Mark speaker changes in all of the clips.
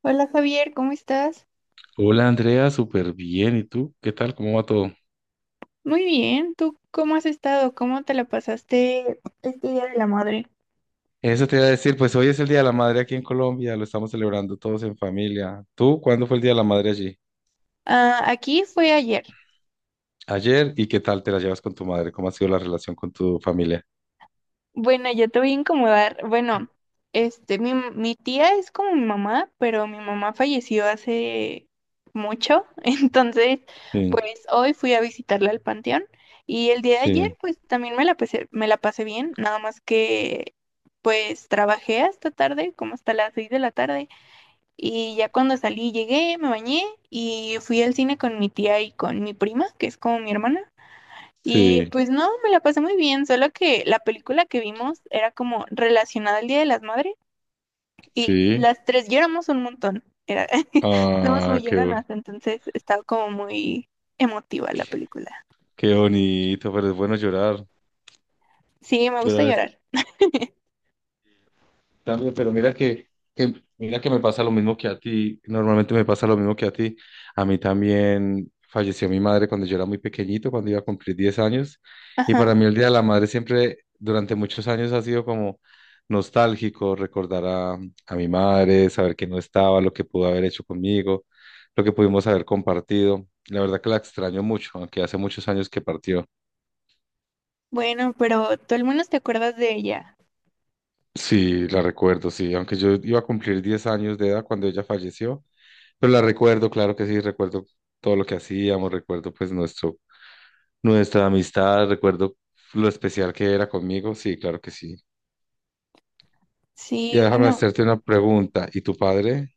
Speaker 1: Hola Javier, ¿cómo estás?
Speaker 2: Hola Andrea, súper bien. ¿Y tú? ¿Qué tal? ¿Cómo va todo?
Speaker 1: Muy bien, ¿tú cómo has estado? ¿Cómo te la pasaste este Día de la Madre?
Speaker 2: Eso te iba a decir, pues hoy es el Día de la Madre aquí en Colombia, lo estamos celebrando todos en familia. ¿Tú cuándo fue el Día de la Madre allí?
Speaker 1: Ah, aquí fue ayer.
Speaker 2: Ayer, ¿y qué tal te la llevas con tu madre? ¿Cómo ha sido la relación con tu familia?
Speaker 1: Bueno, yo te voy a incomodar. Bueno, mi tía es como mi mamá, pero mi mamá falleció hace mucho, entonces,
Speaker 2: Sí,
Speaker 1: pues hoy fui a visitarla al panteón y el día de ayer,
Speaker 2: sí,
Speaker 1: pues también me la pasé bien, nada más que, pues trabajé hasta tarde, como hasta las 6 de la tarde. Y ya cuando salí, llegué, me bañé y fui al cine con mi tía y con mi prima, que es como mi hermana. Y
Speaker 2: sí,
Speaker 1: pues no, me la pasé muy bien, solo que la película que vimos era como relacionada al Día de las Madres y
Speaker 2: sí.
Speaker 1: las tres lloramos un montón. Era, somos
Speaker 2: Ah,
Speaker 1: muy lloronas, entonces estaba como muy emotiva la película.
Speaker 2: qué bonito, pero es bueno llorar.
Speaker 1: Sí, me gusta
Speaker 2: Llorar es.
Speaker 1: llorar.
Speaker 2: También, pero mira que me pasa lo mismo que a ti. Normalmente me pasa lo mismo que a ti. A mí también falleció mi madre cuando yo era muy pequeñito, cuando iba a cumplir 10 años. Y
Speaker 1: Ajá.
Speaker 2: para mí el Día de la Madre siempre, durante muchos años, ha sido como nostálgico recordar a mi madre, saber que no estaba, lo que pudo haber hecho conmigo, lo que pudimos haber compartido. La verdad que la extraño mucho, aunque hace muchos años que partió.
Speaker 1: Bueno, pero tú al menos te acuerdas de ella.
Speaker 2: Sí, la recuerdo, sí. Aunque yo iba a cumplir 10 años de edad cuando ella falleció. Pero la recuerdo, claro que sí, recuerdo todo lo que hacíamos, recuerdo pues nuestra amistad, recuerdo lo especial que era conmigo, sí, claro que sí. Y
Speaker 1: Sí,
Speaker 2: déjame
Speaker 1: bueno.
Speaker 2: hacerte una pregunta, ¿y tu padre?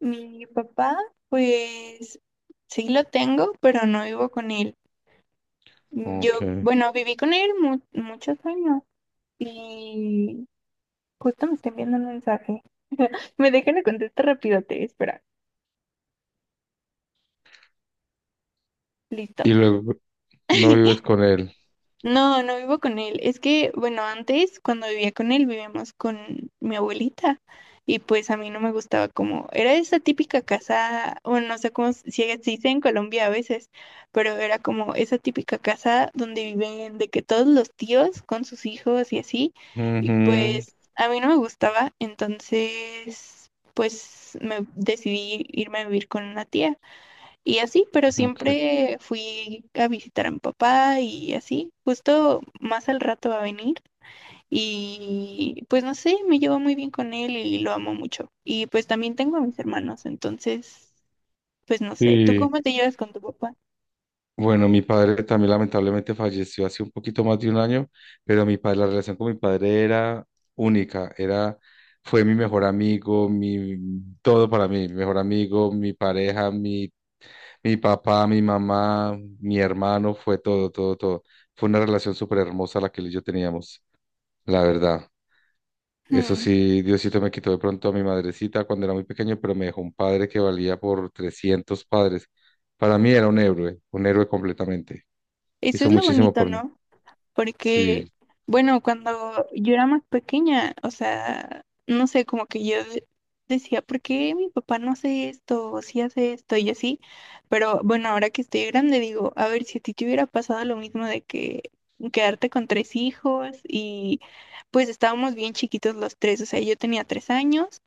Speaker 1: Mi papá, pues sí lo tengo, pero no vivo con él.
Speaker 2: Ok.
Speaker 1: Yo, bueno, viví con él muchos años y justo me está enviando un mensaje. Me dejan la contestar rápido, te espera. Listo.
Speaker 2: Y luego no vives con él.
Speaker 1: No, no vivo con él. Es que, bueno, antes cuando vivía con él vivíamos con mi abuelita y pues a mí no me gustaba como, era esa típica casa, bueno, no sé cómo se si se dice en Colombia a veces, pero era como esa típica casa donde viven de que todos los tíos con sus hijos y así, y
Speaker 2: Ujú,
Speaker 1: pues a mí no me gustaba, entonces pues me decidí irme a vivir con una tía. Y así, pero
Speaker 2: ok.
Speaker 1: siempre fui a visitar a mi papá y así. Justo más al rato va a venir y pues no sé, me llevo muy bien con él y lo amo mucho. Y pues también tengo a mis hermanos, entonces, pues no sé, ¿tú Mm.
Speaker 2: Sí.
Speaker 1: cómo te llevas con tu papá?
Speaker 2: Bueno, mi padre también lamentablemente falleció hace un poquito más de un año, pero mi padre, la relación con mi padre era única, era, fue mi mejor amigo, mi, todo para mí, mi mejor amigo, mi pareja, mi papá, mi mamá, mi hermano, fue todo, todo, todo. Fue una relación súper hermosa la que él y yo teníamos, la verdad. Eso
Speaker 1: Hmm.
Speaker 2: sí, Diosito me quitó de pronto a mi madrecita cuando era muy pequeño, pero me dejó un padre que valía por 300 padres. Para mí era un héroe completamente
Speaker 1: Eso
Speaker 2: hizo
Speaker 1: es lo
Speaker 2: muchísimo
Speaker 1: bonito,
Speaker 2: por mí.
Speaker 1: ¿no? Porque,
Speaker 2: Sí,
Speaker 1: bueno, cuando yo era más pequeña, o sea, no sé, como que yo decía, ¿por qué mi papá no hace esto? O sí hace esto y así. Pero bueno, ahora que estoy grande, digo, a ver, si a ti te hubiera pasado lo mismo de que quedarte con tres hijos y pues estábamos bien chiquitos los tres, o sea, yo tenía 3 años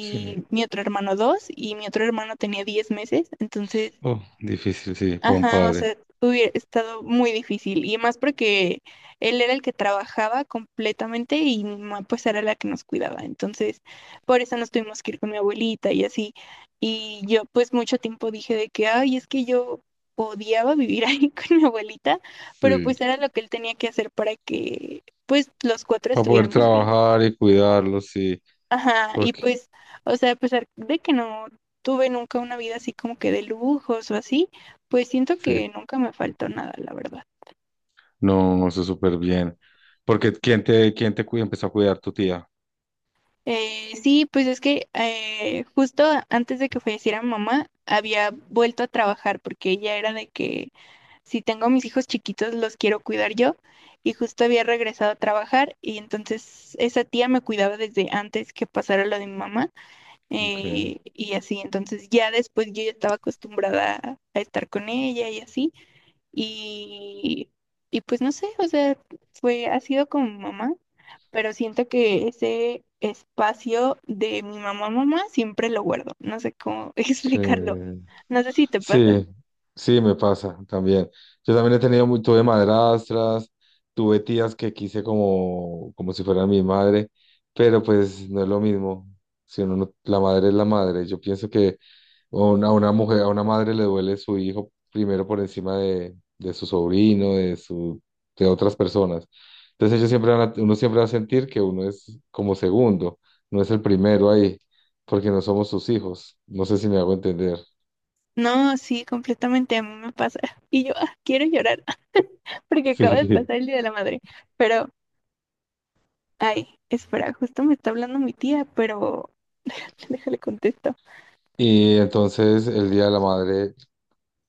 Speaker 2: sí.
Speaker 1: mi otro hermano dos y mi otro hermano tenía 10 meses, entonces
Speaker 2: Oh, difícil, sí, para un
Speaker 1: ajá, o
Speaker 2: padre.
Speaker 1: sea, hubiera estado muy difícil. Y más porque él era el que trabajaba completamente y mi mamá pues era la que nos cuidaba. Entonces, por eso nos tuvimos que ir con mi abuelita y así. Y yo pues mucho tiempo dije de que, ay, es que yo odiaba vivir ahí con mi abuelita, pero
Speaker 2: Sí,
Speaker 1: pues era lo que él tenía que hacer para que pues los cuatro
Speaker 2: para poder
Speaker 1: estuviéramos bien.
Speaker 2: trabajar y cuidarlo, sí.
Speaker 1: Ajá, y
Speaker 2: Porque,
Speaker 1: pues, o sea, a pesar de que no tuve nunca una vida así como que de lujos o así, pues siento
Speaker 2: sí,
Speaker 1: que nunca me faltó nada, la verdad.
Speaker 2: no, eso es súper bien. Porque, quién te cuida? Empezó a cuidar tu tía.
Speaker 1: Sí, pues es que justo antes de que falleciera mi mamá, había vuelto a trabajar porque ella era de que si tengo a mis hijos chiquitos los quiero cuidar yo y justo había regresado a trabajar y entonces esa tía me cuidaba desde antes que pasara lo de mi mamá
Speaker 2: Okay,
Speaker 1: y así, entonces ya después yo ya estaba acostumbrada a estar con ella y así, y, y pues no sé, o sea, fue, ha sido con mi mamá, pero siento que ese espacio de mi mamá, mamá, siempre lo guardo, no sé cómo
Speaker 2: sí.
Speaker 1: explicarlo, no sé si te pasa.
Speaker 2: Sí, sí, me pasa también. Yo también he tenido, tuve madrastras, tuve tías que quise como, como si fueran mi madre, pero pues no es lo mismo. Si uno la madre es la madre. Yo pienso que a una mujer, a una madre le duele su hijo primero por encima de su sobrino, de su, de otras personas. Entonces ellos siempre uno siempre va a sentir que uno es como segundo, no es el primero ahí, porque no somos sus hijos. No sé si me hago entender.
Speaker 1: No, sí, completamente a mí me pasa. Y yo, ah, quiero llorar porque acaba de
Speaker 2: Sí.
Speaker 1: pasar el Día de la Madre. Pero, ay, espera, justo me está hablando mi tía, pero déjale contesto.
Speaker 2: Y entonces el Día de la Madre,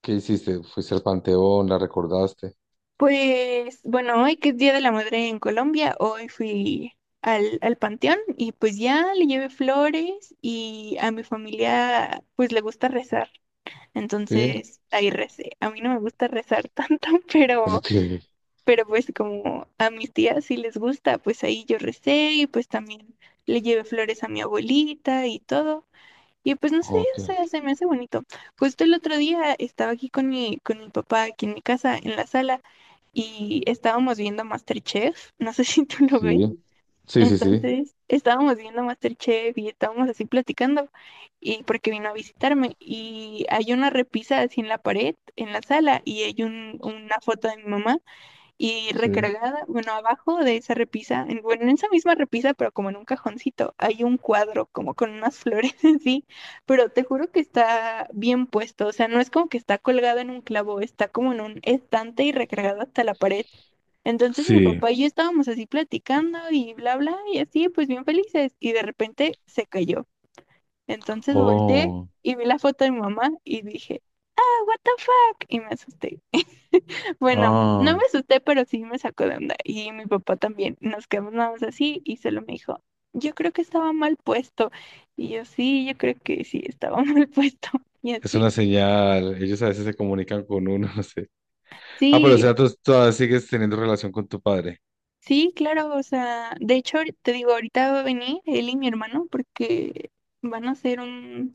Speaker 2: ¿qué hiciste? ¿Fuiste al panteón? ¿La recordaste?
Speaker 1: Pues bueno, hoy que es Día de la Madre en Colombia, hoy fui al panteón y pues ya le llevé flores y a mi familia pues le gusta rezar,
Speaker 2: Sí.
Speaker 1: entonces ahí recé. A mí no me gusta rezar tanto,
Speaker 2: ¿Por qué?
Speaker 1: pero pues como a mis tías sí les gusta, pues ahí yo recé y pues también le llevé flores a mi abuelita y todo. Y pues no sé, o
Speaker 2: Ok.
Speaker 1: sea, se me hace bonito. Justo el otro día estaba aquí con mi papá, aquí en mi casa, en la sala y estábamos viendo MasterChef, no sé si tú lo ves,
Speaker 2: Sí. Sí, sí, sí.
Speaker 1: entonces estábamos viendo MasterChef y estábamos así platicando, y porque vino a visitarme, y hay una repisa así en la pared, en la sala, y hay una foto de mi mamá, y
Speaker 2: Sí.
Speaker 1: recargada, bueno, abajo de esa repisa, en, bueno, en esa misma repisa, pero como en un cajoncito, hay un cuadro como con unas flores así, pero te juro que está bien puesto, o sea, no es como que está colgado en un clavo, está como en un estante y recargado hasta la pared. Entonces mi
Speaker 2: Sí.
Speaker 1: papá y yo estábamos así platicando y bla, bla, y así, pues bien felices, y de repente se cayó. Entonces volteé
Speaker 2: Oh.
Speaker 1: y vi la foto de mi mamá y dije, ah, what the fuck, y me asusté. Bueno, no
Speaker 2: Ah.
Speaker 1: me asusté, pero sí me sacó de onda. Y mi papá también. Nos quedamos nada más así y solo me dijo, yo creo que estaba mal puesto. Y yo, sí, yo creo que sí, estaba mal puesto. Y
Speaker 2: Es
Speaker 1: así.
Speaker 2: una señal. Ellos a veces se comunican con uno, no sé. Ah, pero o sea,
Speaker 1: Sí,
Speaker 2: tú todavía sigues teniendo relación con tu padre.
Speaker 1: sí, claro. O sea, de hecho, te digo, ahorita va a venir él y mi hermano porque van a hacer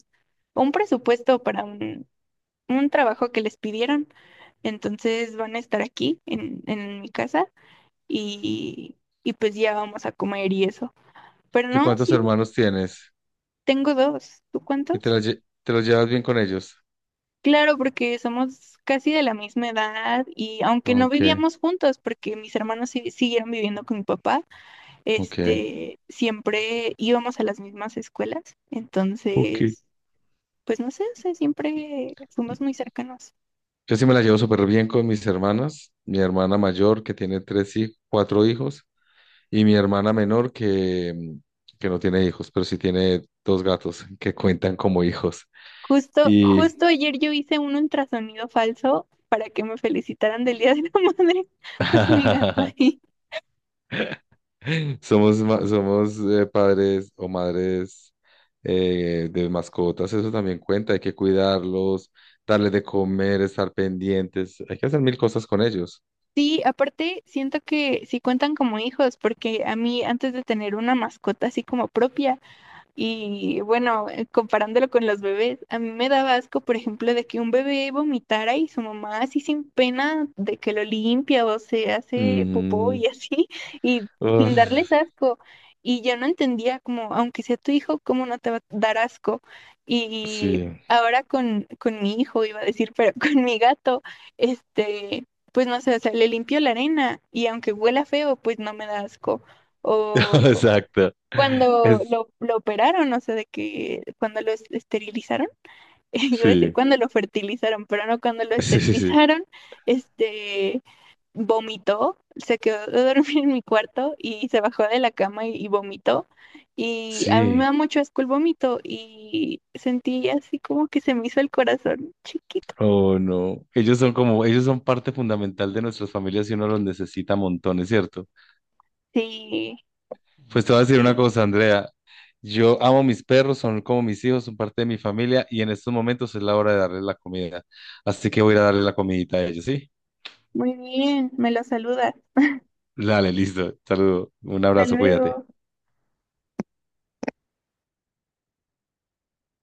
Speaker 1: un presupuesto para un trabajo que les pidieron. Entonces van a estar aquí en mi casa y, y pues ya vamos a comer y eso. Pero
Speaker 2: ¿Y
Speaker 1: no,
Speaker 2: cuántos
Speaker 1: sí,
Speaker 2: hermanos tienes?
Speaker 1: tengo dos. ¿Tú
Speaker 2: ¿Y
Speaker 1: cuántos?
Speaker 2: te, te los llevas bien con ellos?
Speaker 1: Claro, porque somos casi de la misma edad y aunque no
Speaker 2: Ok,
Speaker 1: vivíamos juntos, porque mis hermanos siguieron viviendo con mi papá,
Speaker 2: ok.
Speaker 1: este, siempre íbamos a las mismas escuelas.
Speaker 2: Ok.
Speaker 1: Entonces, pues no sé, o sea, siempre fuimos muy cercanos.
Speaker 2: Yo sí me la llevo súper bien con mis hermanas. Mi hermana mayor, que tiene tres hijos, cuatro hijos. Y mi hermana menor que, que no tiene hijos, pero sí tiene dos gatos que cuentan como hijos.
Speaker 1: Justo,
Speaker 2: Y
Speaker 1: justo ayer yo hice un ultrasonido falso para que me felicitaran del Día de la Madre con mi gato ahí.
Speaker 2: somos padres o madres de mascotas, eso también cuenta, hay que cuidarlos, darles de comer, estar pendientes, hay que hacer mil cosas con ellos.
Speaker 1: Sí, aparte siento que sí cuentan como hijos, porque a mí antes de tener una mascota así como propia, y bueno, comparándolo con los bebés, a mí me daba asco, por ejemplo, de que un bebé vomitara y su mamá así sin pena de que lo limpia o se hace popó
Speaker 2: Ujú.
Speaker 1: y así, y sin darles
Speaker 2: Uf,
Speaker 1: asco. Y yo no entendía como, aunque sea tu hijo, ¿cómo no te va a dar asco? Y
Speaker 2: sí,
Speaker 1: ahora con mi hijo, iba a decir, pero con mi gato, este, pues no sé, o sea, le limpio la arena y aunque huela feo, pues no me da asco. O
Speaker 2: exacto.
Speaker 1: cuando
Speaker 2: Es,
Speaker 1: lo operaron, o sea, de que cuando lo esterilizaron, iba a decir
Speaker 2: sí,
Speaker 1: cuando lo fertilizaron, pero no cuando lo
Speaker 2: sí, sí, sí.
Speaker 1: esterilizaron, este, vomitó, se quedó a dormir en mi cuarto y se bajó de la cama y vomitó. Y a mí me
Speaker 2: Sí.
Speaker 1: da mucho asco el vómito y sentí así como que se me hizo el corazón chiquito.
Speaker 2: Oh, no. Ellos son como, ellos son parte fundamental de nuestras familias y uno los necesita montones, ¿cierto?
Speaker 1: Sí,
Speaker 2: Pues te voy a decir una
Speaker 1: sí,
Speaker 2: cosa, Andrea. Yo amo mis perros, son como mis hijos, son parte de mi familia y en estos momentos es la hora de darles la comida. Así que voy a ir a darle la comidita a ellos, ¿sí?
Speaker 1: muy bien, me lo saludas.
Speaker 2: Dale, listo. Saludo. Un
Speaker 1: Hasta
Speaker 2: abrazo, cuídate.
Speaker 1: luego.